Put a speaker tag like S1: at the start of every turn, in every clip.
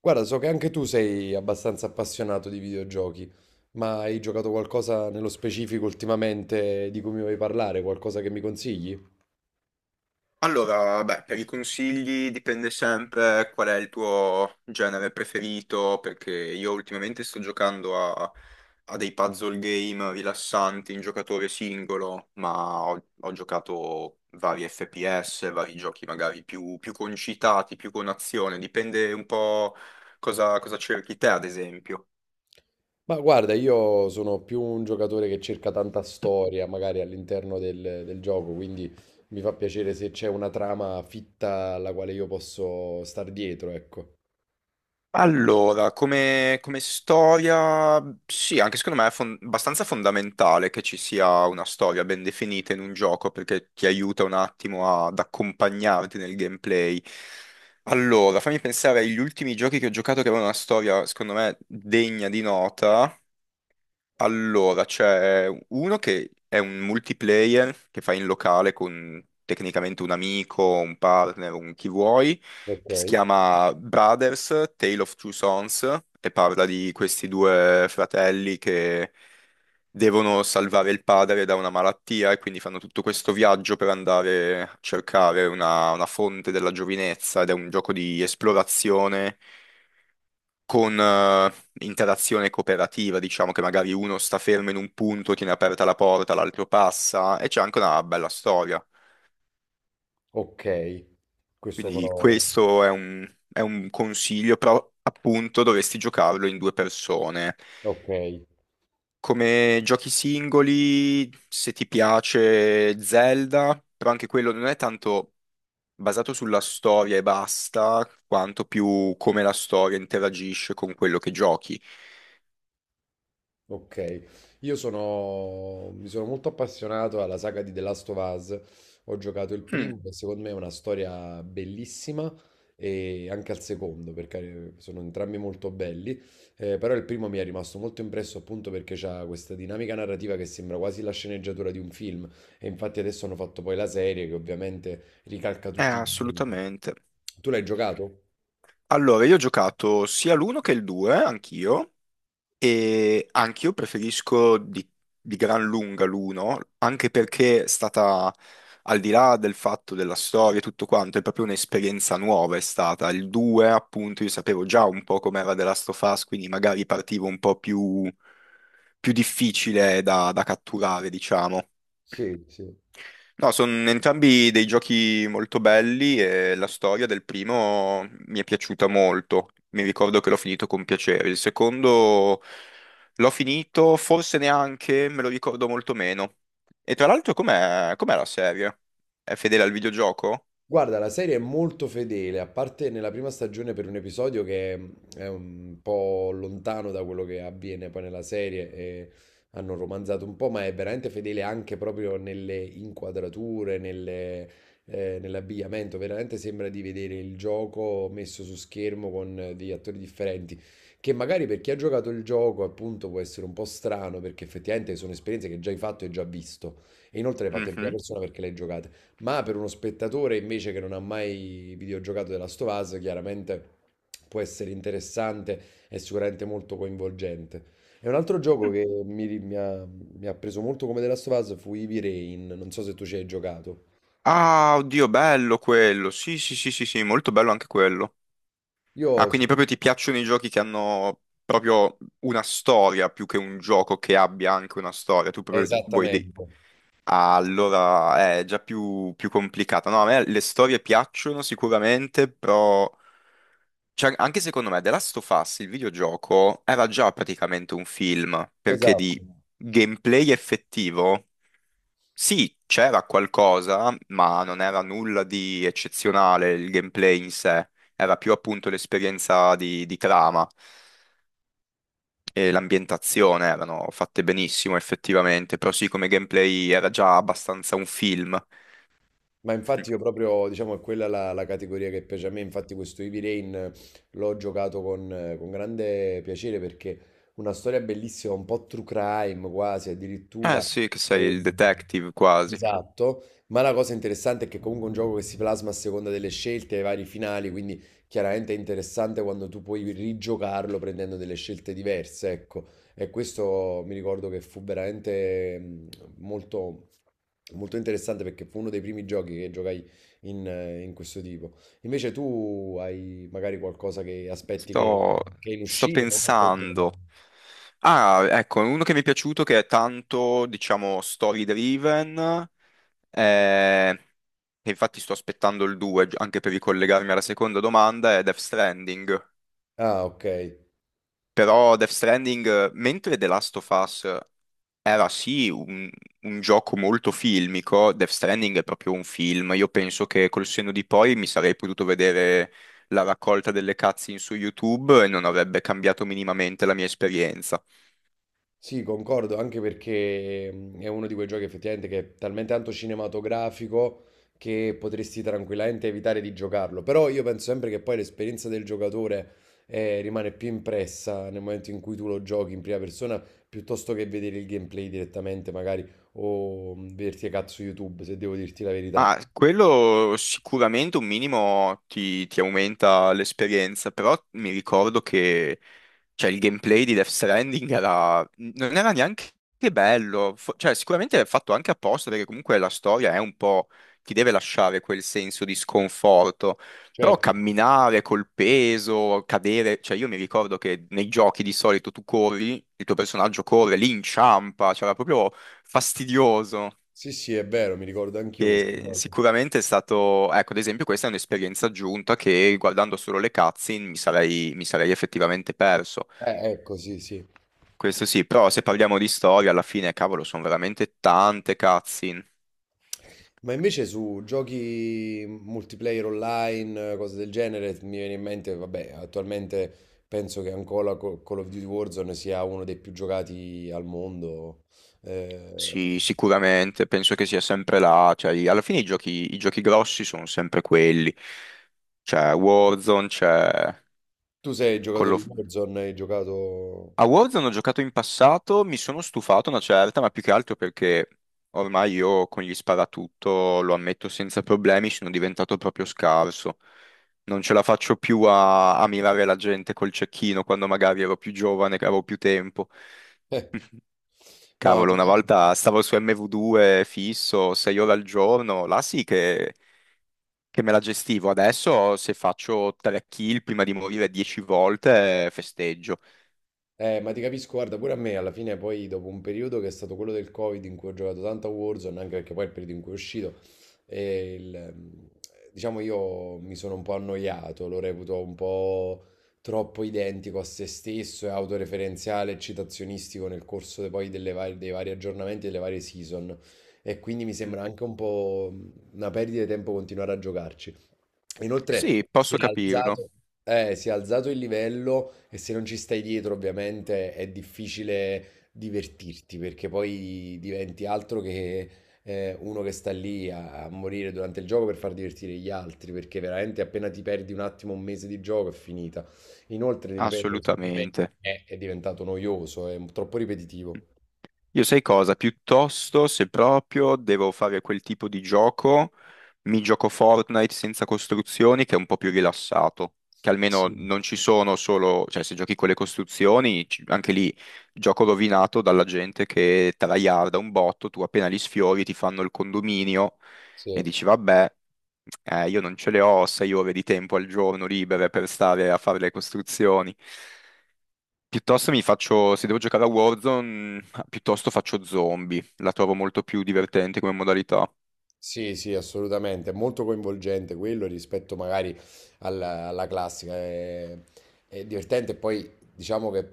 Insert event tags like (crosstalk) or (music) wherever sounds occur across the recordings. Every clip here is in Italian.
S1: Guarda, so che anche tu sei abbastanza appassionato di videogiochi, ma hai giocato qualcosa nello specifico ultimamente di cui mi vuoi parlare? Qualcosa che mi consigli?
S2: Allora, beh, per i consigli dipende sempre qual è il tuo genere preferito, perché io ultimamente sto giocando a dei puzzle game rilassanti in giocatore singolo, ma ho giocato vari FPS, vari giochi magari più concitati, più con azione, dipende un po' cosa cerchi te, ad esempio.
S1: Ma guarda, io sono più un giocatore che cerca tanta storia, magari all'interno del gioco, quindi mi fa piacere se c'è una trama fitta alla quale io posso star dietro, ecco.
S2: Allora, come storia, sì, anche secondo me è abbastanza fondamentale che ci sia una storia ben definita in un gioco perché ti aiuta un attimo ad accompagnarti nel gameplay. Allora, fammi pensare agli ultimi giochi che ho giocato che avevano una storia, secondo me, degna di nota. Allora, c'è uno che è un multiplayer che fai in locale con tecnicamente un amico, un partner, un chi vuoi,
S1: Ok.
S2: che si chiama Brothers, Tale of Two Sons, e parla di questi due fratelli che devono salvare il padre da una malattia e quindi fanno tutto questo viaggio per andare a cercare una fonte della giovinezza ed è un gioco di esplorazione con interazione cooperativa, diciamo che magari uno sta fermo in un punto, tiene aperta la porta, l'altro passa e c'è anche una bella storia.
S1: Ok, questo
S2: Quindi
S1: però...
S2: questo è è un consiglio, però appunto dovresti giocarlo in due persone.
S1: Ok.
S2: Come giochi singoli, se ti piace Zelda, però anche quello non è tanto basato sulla storia e basta, quanto più come la storia interagisce con quello che giochi.
S1: Ok, mi sono molto appassionato alla saga di The Last of Us. Ho giocato il
S2: Mm,
S1: primo, che secondo me è una storia bellissima, e anche al secondo, perché sono entrambi molto belli. Però il primo mi è rimasto molto impresso appunto perché c'ha questa dinamica narrativa che sembra quasi la sceneggiatura di un film. E infatti adesso hanno fatto poi la serie che ovviamente ricalca tutti gli elementi.
S2: assolutamente.
S1: Tu l'hai giocato?
S2: Allora, io ho giocato sia l'uno che il 2, anch'io, e anch'io preferisco di gran lunga l'uno, anche perché è stata, al di là del fatto della storia e tutto quanto, è proprio un'esperienza nuova è stata. Il 2, appunto, io sapevo già un po' com'era The Last of Us, quindi magari partivo un po' più, più difficile da catturare, diciamo.
S1: Sì, sì.
S2: No, sono entrambi dei giochi molto belli e la storia del primo mi è piaciuta molto. Mi ricordo che l'ho finito con piacere. Il secondo l'ho finito, forse neanche, me lo ricordo molto meno. E tra l'altro, com'è la serie? È fedele al videogioco?
S1: Guarda, la serie è molto fedele, a parte nella prima stagione per un episodio che è un po' lontano da quello che avviene poi nella serie, e hanno romanzato un po', ma è veramente fedele anche proprio nelle inquadrature, nell'abbigliamento, veramente sembra di vedere il gioco messo su schermo con degli attori differenti, che magari per chi ha giocato il gioco appunto può essere un po' strano, perché effettivamente sono esperienze che già hai fatto e già visto, e inoltre le hai fatte in prima
S2: Mhm.
S1: persona perché le hai giocate. Ma per uno spettatore invece che non ha mai videogiocato The Last of Us, chiaramente può essere interessante e sicuramente molto coinvolgente. E un altro gioco
S2: Mm.
S1: che mi ha preso molto come The Last of Us fu Heavy Rain, non so se tu ci hai giocato.
S2: Ah, oddio, bello quello. Sì, sì, sì, sì, sì, molto bello anche quello. Ah,
S1: Io...
S2: quindi proprio ti piacciono i giochi che hanno proprio una storia più che un gioco che abbia anche una storia. Tu proprio vuoi dei...
S1: Esattamente,
S2: Allora, è già più complicata. No, a me le storie piacciono sicuramente, però cioè, anche secondo me The Last of Us, il videogioco, era già praticamente un film, perché
S1: esatto.
S2: di gameplay effettivo, sì, c'era qualcosa, ma non era nulla di eccezionale il gameplay in sé. Era più appunto l'esperienza di trama e l'ambientazione erano fatte benissimo effettivamente, però sì, come gameplay era già abbastanza un film.
S1: Ma infatti io proprio, diciamo, è quella la categoria che piace a me, infatti questo Heavy Rain l'ho giocato con grande piacere perché una storia bellissima, un po' true crime quasi,
S2: Eh
S1: addirittura.
S2: sì, che sei il detective quasi.
S1: Esatto, ma la cosa interessante è che comunque è un gioco che si plasma a seconda delle scelte, ai vari finali, quindi chiaramente è interessante quando tu puoi rigiocarlo prendendo delle scelte diverse, ecco. E questo mi ricordo che fu veramente molto, molto interessante perché fu uno dei primi giochi che giocai in questo tipo. Invece tu hai magari qualcosa che
S2: Sto,
S1: che è in
S2: sto
S1: uscita o cosa stai giocando?
S2: pensando. Ah, ecco, uno che mi è piaciuto che è tanto, diciamo, story driven, eh, e infatti sto aspettando il 2 anche per ricollegarmi alla seconda domanda, è Death Stranding.
S1: Ah, ok.
S2: Però Death Stranding, mentre The Last of Us era sì un gioco molto filmico, Death Stranding è proprio un film, io penso che col senno di poi mi sarei potuto vedere la raccolta delle cutscene su YouTube e non avrebbe cambiato minimamente la mia esperienza.
S1: Sì, concordo, anche perché è uno di quei giochi effettivamente che è talmente tanto cinematografico che potresti tranquillamente evitare di giocarlo. Però io penso sempre che poi l'esperienza del giocatore rimane più impressa nel momento in cui tu lo giochi in prima persona, piuttosto che vedere il gameplay direttamente, magari, o vederti a cazzo YouTube, se devo dirti la verità.
S2: Ah, quello sicuramente un minimo ti aumenta l'esperienza, però mi ricordo che cioè, il gameplay di Death Stranding era, non era neanche bello, cioè sicuramente è fatto anche apposta perché comunque la storia è un po', ti deve lasciare quel senso di sconforto, però
S1: Certo,
S2: camminare col peso, cadere, cioè io mi ricordo che nei giochi di solito tu corri, il tuo personaggio corre, lì inciampa, cioè era proprio fastidioso.
S1: sì, sì, è vero, mi ricordo anch'io questa
S2: Che
S1: cosa.
S2: sicuramente è stato, ecco, ad esempio, questa è un'esperienza aggiunta che guardando solo le cutscene mi sarei effettivamente perso.
S1: Ecco, sì, sì.
S2: Questo sì, però se parliamo di storia, alla fine, cavolo, sono veramente tante cutscene.
S1: Ma invece su giochi multiplayer online, cose del genere, mi viene in mente, vabbè, attualmente penso che ancora Call of Duty Warzone sia uno dei più giocati al mondo. Eh,
S2: Sì, sicuramente, penso che sia sempre là. Cioè, alla fine i giochi grossi sono sempre quelli. C'è Warzone, c'è
S1: Tu sei
S2: Call
S1: giocatore di
S2: of...
S1: Warzone, hai giocato...
S2: A Warzone ho giocato in passato, mi sono stufato una certa, ma più che altro perché ormai io con gli sparatutto, lo ammetto senza problemi, sono diventato proprio scarso. Non ce la faccio più a mirare la gente col cecchino quando magari ero più giovane, che avevo più tempo.
S1: Eh,
S2: (laughs)
S1: no,
S2: Cavolo,
S1: ti...
S2: una volta stavo su MW2 fisso, 6 ore al giorno, là sì che me la gestivo. Adesso se faccio 3 kill prima di morire 10 volte, festeggio.
S1: Ma ti capisco, guarda, pure a me alla fine poi dopo un periodo che è stato quello del Covid in cui ho giocato tanto a Warzone, anche perché poi è il periodo in cui è uscito, e diciamo io mi sono un po' annoiato, lo reputo un po' troppo identico a se stesso e autoreferenziale e citazionistico nel corso poi dei vari aggiornamenti e delle varie season, e quindi mi sembra
S2: Mhm.
S1: anche un po' una perdita di tempo continuare a giocarci.
S2: Sì,
S1: Inoltre si
S2: posso
S1: è
S2: capirlo.
S1: alzato, Si è alzato il livello e se non ci stai dietro, ovviamente è difficile divertirti perché poi diventi altro che uno che sta a morire durante il gioco per far divertire gli altri, perché veramente appena ti perdi un attimo, un mese di gioco è finita. Inoltre, ti ripeto, secondo me
S2: Assolutamente.
S1: è diventato noioso, è troppo ripetitivo.
S2: Io sai cosa? Piuttosto, se proprio devo fare quel tipo di gioco, mi gioco Fortnite senza costruzioni, che è un po' più rilassato. Che almeno
S1: Sì,
S2: non ci sono solo, cioè se giochi con le costruzioni, anche lì gioco rovinato dalla gente che tryharda un botto, tu appena li sfiori ti fanno il condominio e
S1: sì.
S2: dici vabbè, io non ce le ho 6 ore di tempo al giorno libere per stare a fare le costruzioni. Piuttosto mi faccio, se devo giocare a Warzone, piuttosto faccio zombie, la trovo molto più divertente come modalità.
S1: Sì, sì, assolutamente, è molto coinvolgente quello rispetto magari alla classica, è divertente e poi diciamo che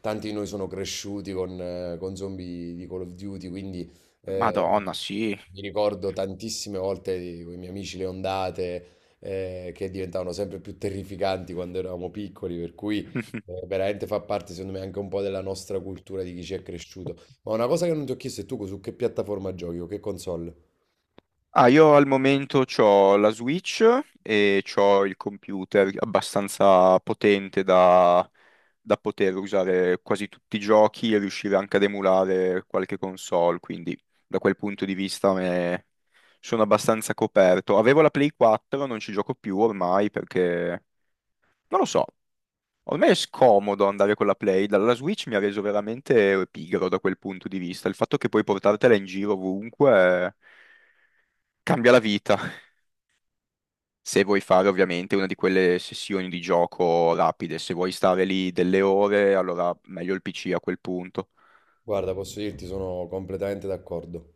S1: tanti di noi sono cresciuti con zombie di Call of Duty, quindi eh,
S2: Madonna, sì.
S1: mi ricordo tantissime volte con i miei amici le ondate che diventavano sempre più terrificanti quando eravamo piccoli, per cui
S2: (laughs)
S1: veramente fa parte secondo me anche un po' della nostra cultura di chi ci è cresciuto. Ma una cosa che non ti ho chiesto è tu su che piattaforma giochi o che console?
S2: Ah, io al momento ho la Switch e ho il computer abbastanza potente da, da poter usare quasi tutti i giochi e riuscire anche ad emulare qualche console, quindi da quel punto di vista sono abbastanza coperto. Avevo la Play 4, non ci gioco più ormai perché non lo so, ormai è scomodo andare con la Play, dalla Switch mi ha reso veramente pigro da quel punto di vista. Il fatto che puoi portartela in giro ovunque cambia la vita. Se vuoi fare ovviamente una di quelle sessioni di gioco rapide, se vuoi stare lì delle ore, allora meglio il PC a quel punto.
S1: Guarda, posso dirti, sono completamente d'accordo.